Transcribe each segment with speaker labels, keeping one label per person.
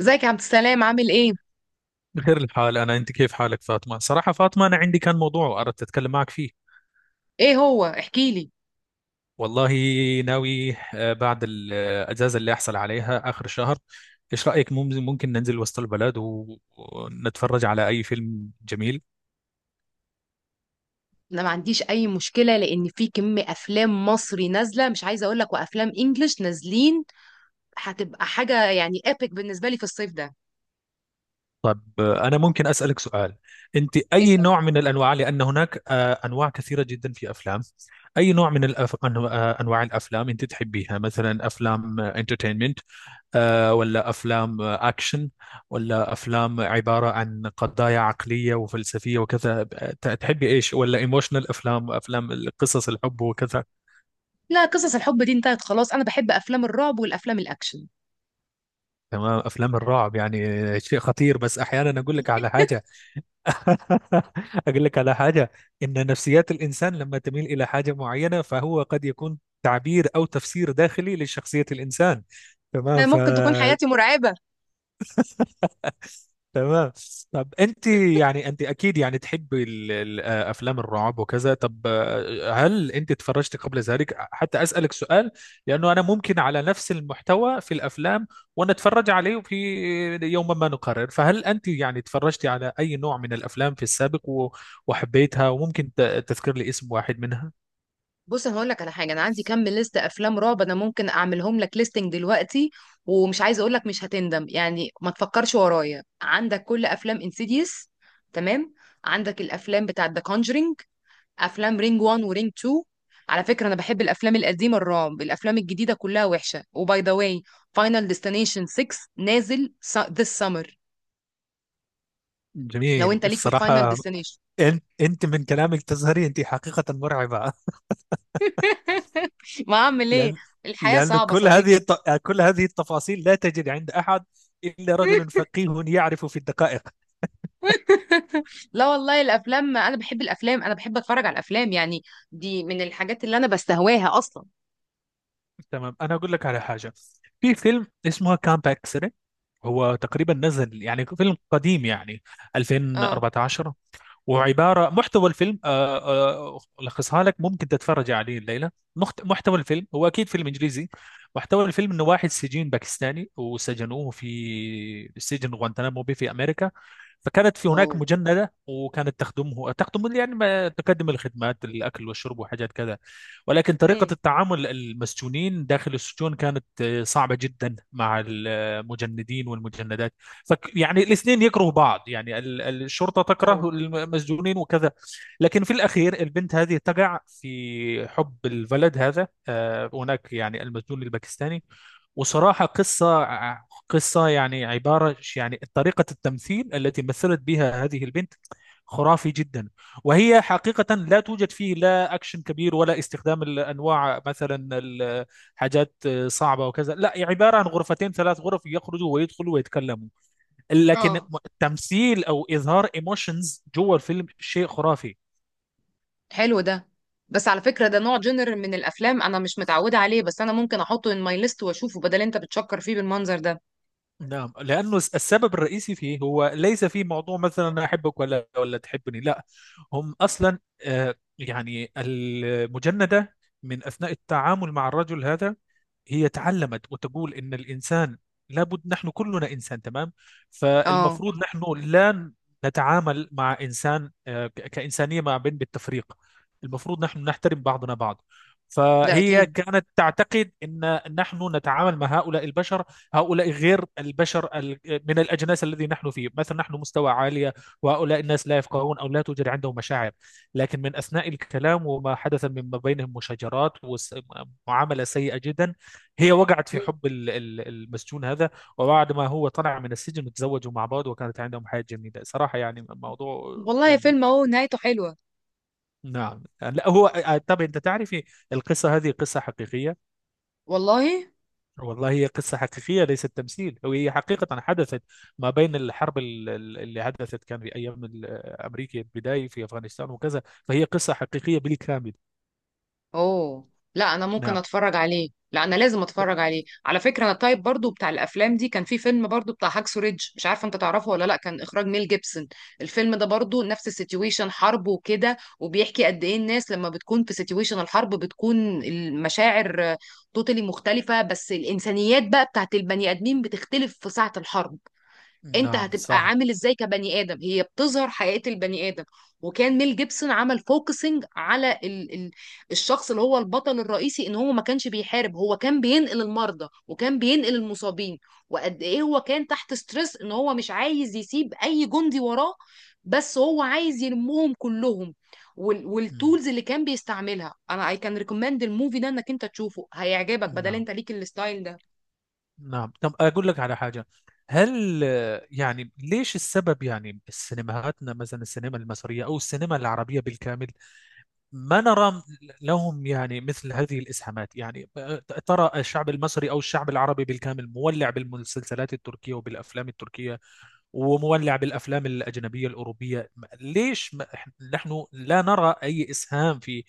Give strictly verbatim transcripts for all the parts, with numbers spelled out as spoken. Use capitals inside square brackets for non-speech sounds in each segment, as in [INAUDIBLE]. Speaker 1: ازيك يا عبد السلام، عامل ايه؟
Speaker 2: بخير الحال، أنا، أنت كيف حالك فاطمة؟ صراحة فاطمة أنا عندي كان موضوع أردت أتكلم معك فيه.
Speaker 1: ايه هو؟ احكي لي.
Speaker 2: والله، ناوي آه، بعد الأجازة اللي أحصل عليها آخر الشهر. إيش رأيك؟ مم- ممكن ننزل وسط البلد و- ونتفرج على أي فيلم جميل؟
Speaker 1: انا ما عنديش اي مشكله، لان في كم افلام مصري نازله مش عايزه اقول لك، وافلام انجلش نازلين. هتبقى حاجه يعني ايبك بالنسبه لي في الصيف ده.
Speaker 2: طب آه، أنا ممكن أسألك سؤال. أنت أي
Speaker 1: اسال.
Speaker 2: نوع من الأنواع؟ لأن هناك آه، أنواع كثيرة جدا في أفلام. أي نوع من الأف... أنو- آه، أنواع الأفلام أنت تحبيها؟ مثلا أفلام انترتينمنت آه، ولا أفلام آه، أكشن، ولا أفلام عبارة عن قضايا عقلية وفلسفية وكذا؟ ت- تحبي إيش؟ ولا إيموشنال أفلام أفلام قصص الحب وكذا؟
Speaker 1: لا، قصص الحب دي انتهت خلاص. انا بحب افلام الرعب والافلام الاكشن.
Speaker 2: تمام، أفلام الرعب يعني شيء خطير، بس أحيانا أقول لك على حاجة. [LAUGHS] أقول لك على حاجة، إن نفسيات الإنسان لما تميل إلى حاجة معينة فهو قد يكون تعبير أو تفسير داخلي لشخصية الإنسان. تمام
Speaker 1: ما
Speaker 2: ف
Speaker 1: ممكن تكون حياتي مرعبه.
Speaker 2: تمام. طب انت يعني انت اكيد يعني تحبي ال- ال- آه، افلام الرعب وكذا. طب آه، هل انت تفرجت قبل ذلك؟ حتى اسالك سؤال، لانه انا ممكن على نفس المحتوى في الافلام ونتفرج عليه في يوم ما نقرر، فهل انت يعني تفرجتي على اي نوع من الافلام في السابق و- وحبيتها، وممكن ت- تذكر لي اسم واحد منها؟
Speaker 1: بص، انا هقول لك على حاجه. انا عندي كم ليست افلام رعب، انا ممكن اعملهم لك ليستنج دلوقتي. ومش عايزه اقول لك، مش هتندم يعني، ما تفكرش ورايا. عندك كل افلام انسيديوس. تمام. عندك الافلام بتاعه ذا كونجرينج. افلام رينج واحد ورينج اتنين. على فكره، انا بحب الافلام القديمه الرعب، الافلام الجديده كلها وحشه. وباي ذا واي، فاينل ديستنيشن ستة نازل ذس سمر. لو
Speaker 2: جميل
Speaker 1: انت ليك في الفاينل
Speaker 2: الصراحة.
Speaker 1: ديستنيشن.
Speaker 2: انت انت من كلامك تظهري انت حقيقة مرعبة.
Speaker 1: [LAUGHS] ما اعمل ايه؟
Speaker 2: لأن
Speaker 1: الحياه
Speaker 2: لأن
Speaker 1: صعبه
Speaker 2: كل هذه
Speaker 1: صديقي.
Speaker 2: الت- كل هذه التفاصيل لا تجد عند أحد إلا رجل
Speaker 1: [LAUGHS]
Speaker 2: فقيه يعرف في الدقائق.
Speaker 1: لا والله الافلام، انا بحب الافلام انا بحب اتفرج على الافلام يعني. دي من الحاجات اللي انا بستهواها اصلا.
Speaker 2: تمام، أنا أقول لك على حاجة. في فيلم اسمه كامب اكسيدنت، هو تقريبا نزل يعني فيلم قديم يعني
Speaker 1: اه.
Speaker 2: ألفين وأربعتاشر. وعبارة محتوى الفيلم آه، آه، ألخصها لك، ممكن تتفرج عليه الليلة. مخت- محتوى الفيلم هو أكيد فيلم إنجليزي، محتوى الفيلم إنه واحد سجين باكستاني، وسجنوه في سجن غوانتنامو بي في أمريكا. فكانت في هناك
Speaker 1: اوه.
Speaker 2: مجندة، وكانت تخدمه تخدم يعني، ما تقدم الخدمات، الأكل والشرب وحاجات كذا. ولكن طريقة
Speaker 1: امم.
Speaker 2: التعامل المسجونين داخل السجون كانت آه، صعبة جدا مع المجندين والمجندات. فك يعني الاثنين يكرهوا بعض، يعني ال- ال- الشرطة
Speaker 1: اوه.
Speaker 2: تكره المسجونين وكذا. لكن في الأخير البنت هذه تقع في حب الولد هذا، آه، هناك يعني المسجون الباكستاني. وصراحة قصة قصة يعني عبارة يعني طريقة التمثيل التي مثلت بها هذه البنت خرافي جدا. وهي حقيقة لا توجد فيه لا أكشن كبير، ولا استخدام الأنواع مثلا الحاجات صعبة وكذا، لا، عبارة عن غرفتين ثلاث غرف يخرجوا ويدخلوا ويتكلموا. لكن
Speaker 1: اه.
Speaker 2: التمثيل او اظهار ايموشنز جوه الفيلم شيء خرافي.
Speaker 1: حلو ده. بس على فكرة، ده نوع جنر من الافلام انا مش متعودة عليه، بس انا ممكن احطه ان ماي ليست واشوفه بدل انت بتشكر فيه بالمنظر ده.
Speaker 2: نعم، لأنه السبب الرئيسي فيه هو ليس في موضوع مثلا أنا أحبك ولا ولا تحبني، لا. هم أصلا آه، يعني المجندة من أثناء التعامل مع الرجل هذا، هي تعلمت وتقول إن الإنسان، لابد، نحن كلنا إنسان تمام.
Speaker 1: اه.
Speaker 2: فالمفروض نحن لا نتعامل مع إنسان آه، ك- كإنسانية ما بين بالتفريق. المفروض نحن نحترم بعضنا بعض.
Speaker 1: ده
Speaker 2: فهي
Speaker 1: اكيد.
Speaker 2: كانت تعتقد ان نحن نتعامل مع هؤلاء البشر، هؤلاء غير البشر، ال- من الأجناس الذي نحن فيه، مثلا نحن مستوى عالية، وهؤلاء الناس لا يفقهون أو لا توجد عندهم مشاعر. لكن من أثناء الكلام وما حدث من ما بينهم مشاجرات ومعاملة سيئة جدا، هي وقعت في
Speaker 1: مم.
Speaker 2: حب ال- ال- المسجون هذا. وبعد ما هو طلع من السجن تزوجوا مع بعض، وكانت عندهم حياة جميلة صراحة، يعني موضوع،
Speaker 1: والله
Speaker 2: يعني،
Speaker 1: فيلم اهو نهايته حلوة.
Speaker 2: نعم. لا هو، آه، طب أنت تعرفي، القصة هذه قصة حقيقية.
Speaker 1: والله.
Speaker 2: والله هي قصة حقيقية، ليست تمثيل، وهي حقيقة حدثت ما بين الحرب ال- ال- اللي حدثت، كان في أيام ال- أمريكا البداية في أفغانستان وكذا. فهي قصة حقيقية بالكامل.
Speaker 1: اوه. لا، انا ممكن
Speaker 2: نعم.
Speaker 1: اتفرج عليه. لا، انا لازم اتفرج عليه. على فكره، انا التايب برضو بتاع الافلام دي، كان في فيلم برضو بتاع هاكسو ريدج، مش عارفه انت تعرفه ولا لا، كان اخراج ميل جيبسون. الفيلم ده برضو نفس السيتويشن حرب وكده، وبيحكي قد ايه الناس لما بتكون في سيتويشن الحرب بتكون المشاعر توتالي مختلفه. بس الانسانيات بقى بتاعت البني ادمين بتختلف في ساعه الحرب. انت
Speaker 2: نعم،
Speaker 1: هتبقى
Speaker 2: صح.
Speaker 1: عامل ازاي كبني ادم؟ هي بتظهر حقيقة البني ادم. وكان ميل جيبسون عمل فوكسنج على ال ال الشخص اللي هو البطل الرئيسي، ان هو ما كانش بيحارب، هو كان بينقل المرضى وكان بينقل المصابين. وقد ايه هو كان تحت ستريس ان هو مش عايز يسيب اي جندي وراه. بس هو عايز يلمهم كلهم. وال
Speaker 2: مم.
Speaker 1: والتولز اللي كان بيستعملها. انا I can recommend الموفي ده انك انت تشوفه، هيعجبك بدل
Speaker 2: نعم.
Speaker 1: انت ليك الستايل ده.
Speaker 2: نعم، طب أقول لك على حاجة. هل آه، يعني ليش السبب يعني سينماهاتنا مثلا السينما المصرية أو السينما العربية بالكامل ما نرى لهم يعني مثل هذه الإسهامات يعني؟ ترى الشعب المصري أو الشعب العربي بالكامل مولع بالمسلسلات التركية وبالأفلام التركية، ومولع بالأفلام الأجنبية الأوروبية. ليش ما- نحن لا نرى أي إسهام في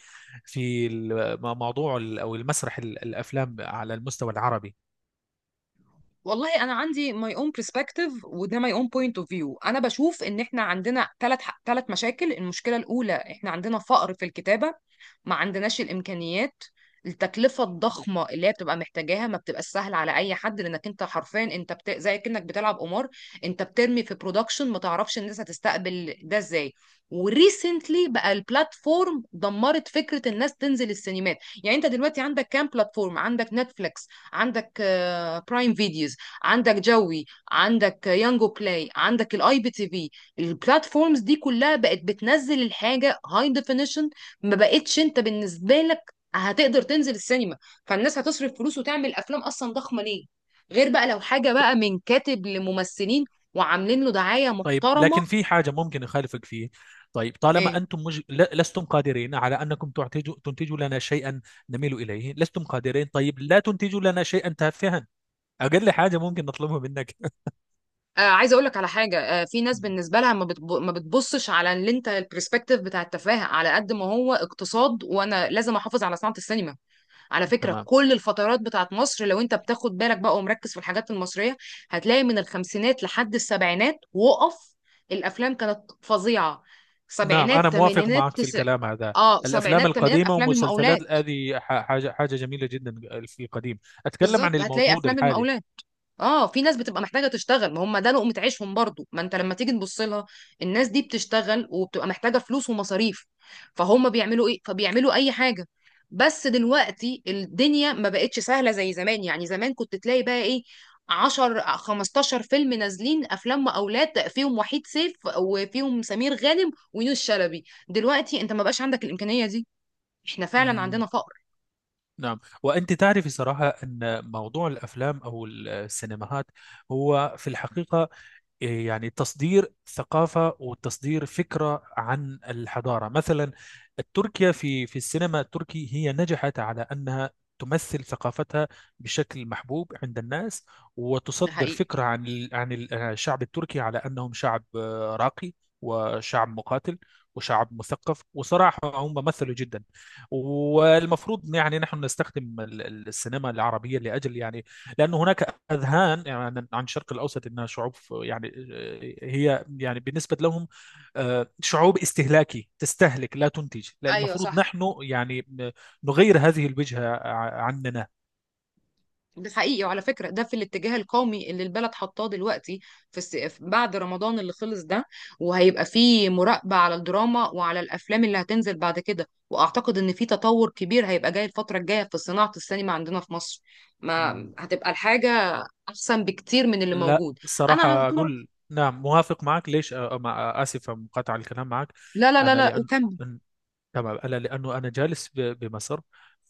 Speaker 2: في الم- موضوع ال- أو المسرح ال- الأفلام على المستوى العربي؟
Speaker 1: والله انا عندي my own perspective، وده my own point of view. انا بشوف ان احنا عندنا ثلاث ثلاث مشاكل. المشكله الاولى، احنا عندنا فقر في الكتابه. ما عندناش الامكانيات. التكلفه الضخمه اللي هي بتبقى محتاجاها ما بتبقى سهله على اي حد، لانك انت حرفيا انت بت... زي كانك بتلعب قمار. انت بترمي في برودكشن، ما تعرفش الناس هتستقبل ده ازاي. وريسنتلي بقى البلاتفورم دمرت فكره الناس تنزل السينمات. يعني انت دلوقتي عندك كام بلاتفورم؟ عندك نتفليكس، عندك برايم فيديوز، عندك جوي، عندك يانجو بلاي، عندك الاي بي تي في. البلاتفورمز دي كلها بقت بتنزل الحاجه هاي ديفينيشن. ما بقتش انت بالنسبه لك هتقدر تنزل السينما. فالناس هتصرف فلوس وتعمل افلام اصلا ضخمه ليه؟ غير بقى لو حاجه بقى من كاتب لممثلين وعاملين له دعايه
Speaker 2: طيب
Speaker 1: محترمه.
Speaker 2: لكن في حاجة ممكن أخالفك فيه. طيب طالما
Speaker 1: ايه.
Speaker 2: أنتم مج... ل- لستم قادرين على أنكم تعتجوا... تنتجوا لنا شيئا نميل إليه، لستم قادرين، طيب لا تنتجوا لنا شيئا تافها. أقل حاجة ممكن نطلبها منك.
Speaker 1: آه عايزه اقول لك على حاجه، آه في ناس
Speaker 2: [LAUGHS]
Speaker 1: بالنسبه لها ما, بتب... ما بتبصش على اللي انت البرسبكتيف بتاع التفاهه على قد ما هو اقتصاد، وانا لازم احافظ على صناعه السينما. على فكرة،
Speaker 2: تمام.
Speaker 1: كل الفترات بتاعت مصر لو انت بتاخد بالك بقى ومركز في الحاجات المصرية، هتلاقي من الخمسينات لحد السبعينات وقف. الافلام كانت فظيعة.
Speaker 2: نعم، أنا
Speaker 1: سبعينات
Speaker 2: موافق
Speaker 1: تمانينات
Speaker 2: معك في
Speaker 1: تس...
Speaker 2: الكلام هذا.
Speaker 1: اه
Speaker 2: الأفلام
Speaker 1: سبعينات تمانينات
Speaker 2: القديمة
Speaker 1: افلام
Speaker 2: والمسلسلات
Speaker 1: المقاولات.
Speaker 2: هذه ح- حاجة حاجة جميلة جدا في القديم. أتكلم عن
Speaker 1: بالظبط، هتلاقي
Speaker 2: الموجود
Speaker 1: افلام المقاولات. اه، في ناس بتبقى محتاجه تشتغل، ما هم ده لقمه عيشهم برضو، ما انت لما تيجي تبص لها الناس دي بتشتغل وبتبقى محتاجه فلوس ومصاريف. فهم بيعملوا ايه؟ فبيعملوا اي حاجه. بس دلوقتي الدنيا ما بقتش سهله زي زمان. يعني زمان كنت تلاقي بقى ايه، عشرة خمستاشر فيلم نازلين، افلام اولاد فيهم وحيد سيف وفيهم سمير غانم ويونس شلبي. دلوقتي انت ما بقاش عندك الامكانيه دي. احنا فعلا
Speaker 2: الحالي.
Speaker 1: عندنا فقر.
Speaker 2: نعم، وأنت تعرفي صراحة أن موضوع الأفلام أو السينماهات هو في الحقيقة إيه، يعني تصدير ثقافة وتصدير فكرة عن الحضارة. مثلا تركيا، في في السينما التركي هي نجحت على أنها تمثل ثقافتها بشكل محبوب عند الناس،
Speaker 1: ده
Speaker 2: وتصدر
Speaker 1: حقيقي.
Speaker 2: فكرة عن ال- عن ال- آه، الشعب التركي على أنهم شعب آه، راقي، وشعب مقاتل، وشعب مثقف، وصراحة هم مثلوا جدا. والمفروض يعني نحن نستخدم ال- ال- السينما العربية لأجل يعني، لأن هناك أذهان يعني عن الشرق الأوسط أنها شعوب، يعني آه، هي يعني بالنسبة لهم آه، شعوب استهلاكي تستهلك لا تنتج، لا
Speaker 1: ايوه
Speaker 2: المفروض
Speaker 1: صح.
Speaker 2: نحن يعني آه، نغير هذه الوجهة ع- عننا.
Speaker 1: ده حقيقي، وعلى فكرة ده في الاتجاه القومي اللي البلد حطاه دلوقتي. في الس... في- بعد رمضان اللي خلص ده، وهيبقى فيه مراقبة على الدراما وعلى الأفلام اللي هتنزل بعد كده، وأعتقد إن في تطور كبير هيبقى جاي الفترة الجاية في صناعة السينما عندنا في مصر. ما
Speaker 2: مم.
Speaker 1: هتبقى الحاجة أحسن بكتير من اللي
Speaker 2: لا
Speaker 1: موجود. أنا على
Speaker 2: صراحة،
Speaker 1: طول.
Speaker 2: أقول نعم موافق معك. ليش آه، آه، آسف مقاطعة الكلام معك.
Speaker 1: لا، لا، لا،
Speaker 2: أنا
Speaker 1: لا،
Speaker 2: لأن،
Speaker 1: وكان.
Speaker 2: تمام، انا لانه انا جالس ب- بمصر،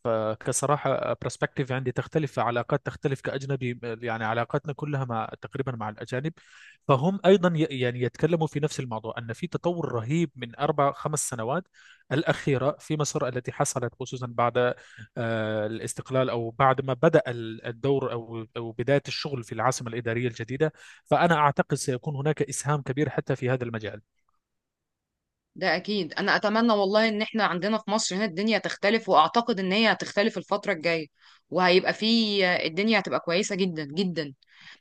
Speaker 2: فكصراحه برسبكتيف عندي تختلف، علاقات تختلف، كاجنبي يعني علاقاتنا كلها مع تقريبا مع الاجانب، فهم ايضا ي- يعني يتكلموا في نفس الموضوع ان في تطور رهيب من اربع خمس سنوات الاخيره في مصر التي حصلت، خصوصا بعد آه، الاستقلال، او بعد ما بدا ال- الدور او او بدايه الشغل في العاصمه الاداريه الجديده. فانا اعتقد سيكون هناك اسهام كبير حتى في هذا المجال.
Speaker 1: ده اكيد، انا اتمنى والله ان احنا عندنا في مصر هنا الدنيا تختلف، واعتقد ان هي هتختلف الفترة الجاية. وهيبقى في الدنيا هتبقى كويسة جدا جدا.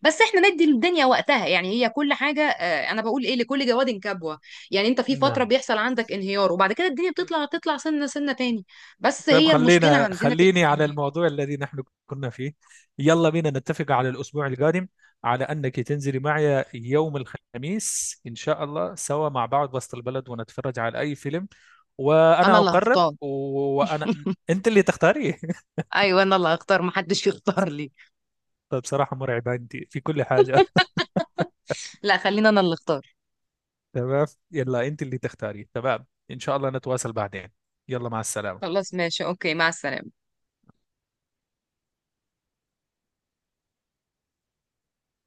Speaker 1: بس احنا ندي الدنيا وقتها، يعني هي كل حاجة، آه، انا بقول ايه، لكل جواد كبوة. يعني انت في فترة
Speaker 2: نعم.
Speaker 1: بيحصل عندك انهيار، وبعد كده الدنيا بتطلع تطلع سنة سنة تاني. بس
Speaker 2: طيب
Speaker 1: هي المشكلة
Speaker 2: خلينا
Speaker 1: عندنا في
Speaker 2: خليني على
Speaker 1: الامكانيات.
Speaker 2: الموضوع الذي نحن كنا فيه. يلا بينا نتفق على الأسبوع القادم، على أنك تنزلي معي يوم الخميس إن شاء الله سوا مع بعض وسط البلد، ونتفرج على أي فيلم.
Speaker 1: انا
Speaker 2: وأنا
Speaker 1: اللي
Speaker 2: أقرب،
Speaker 1: هختار.
Speaker 2: و- وأنا
Speaker 1: [LAUGHS]
Speaker 2: أنت اللي تختاري. [LAUGHS]
Speaker 1: ايوه انا اللي هختار، محدش يختار لي.
Speaker 2: طيب بصراحة مرعبة أنت في كل حاجة.
Speaker 1: لا، خلينا انا اللي اختار.
Speaker 2: [LAUGHS] تمام، يلا أنت اللي تختاري. تمام إن شاء الله نتواصل بعدين. يلا، مع السلامة.
Speaker 1: خلاص، ماشي، اوكي، مع السلامة.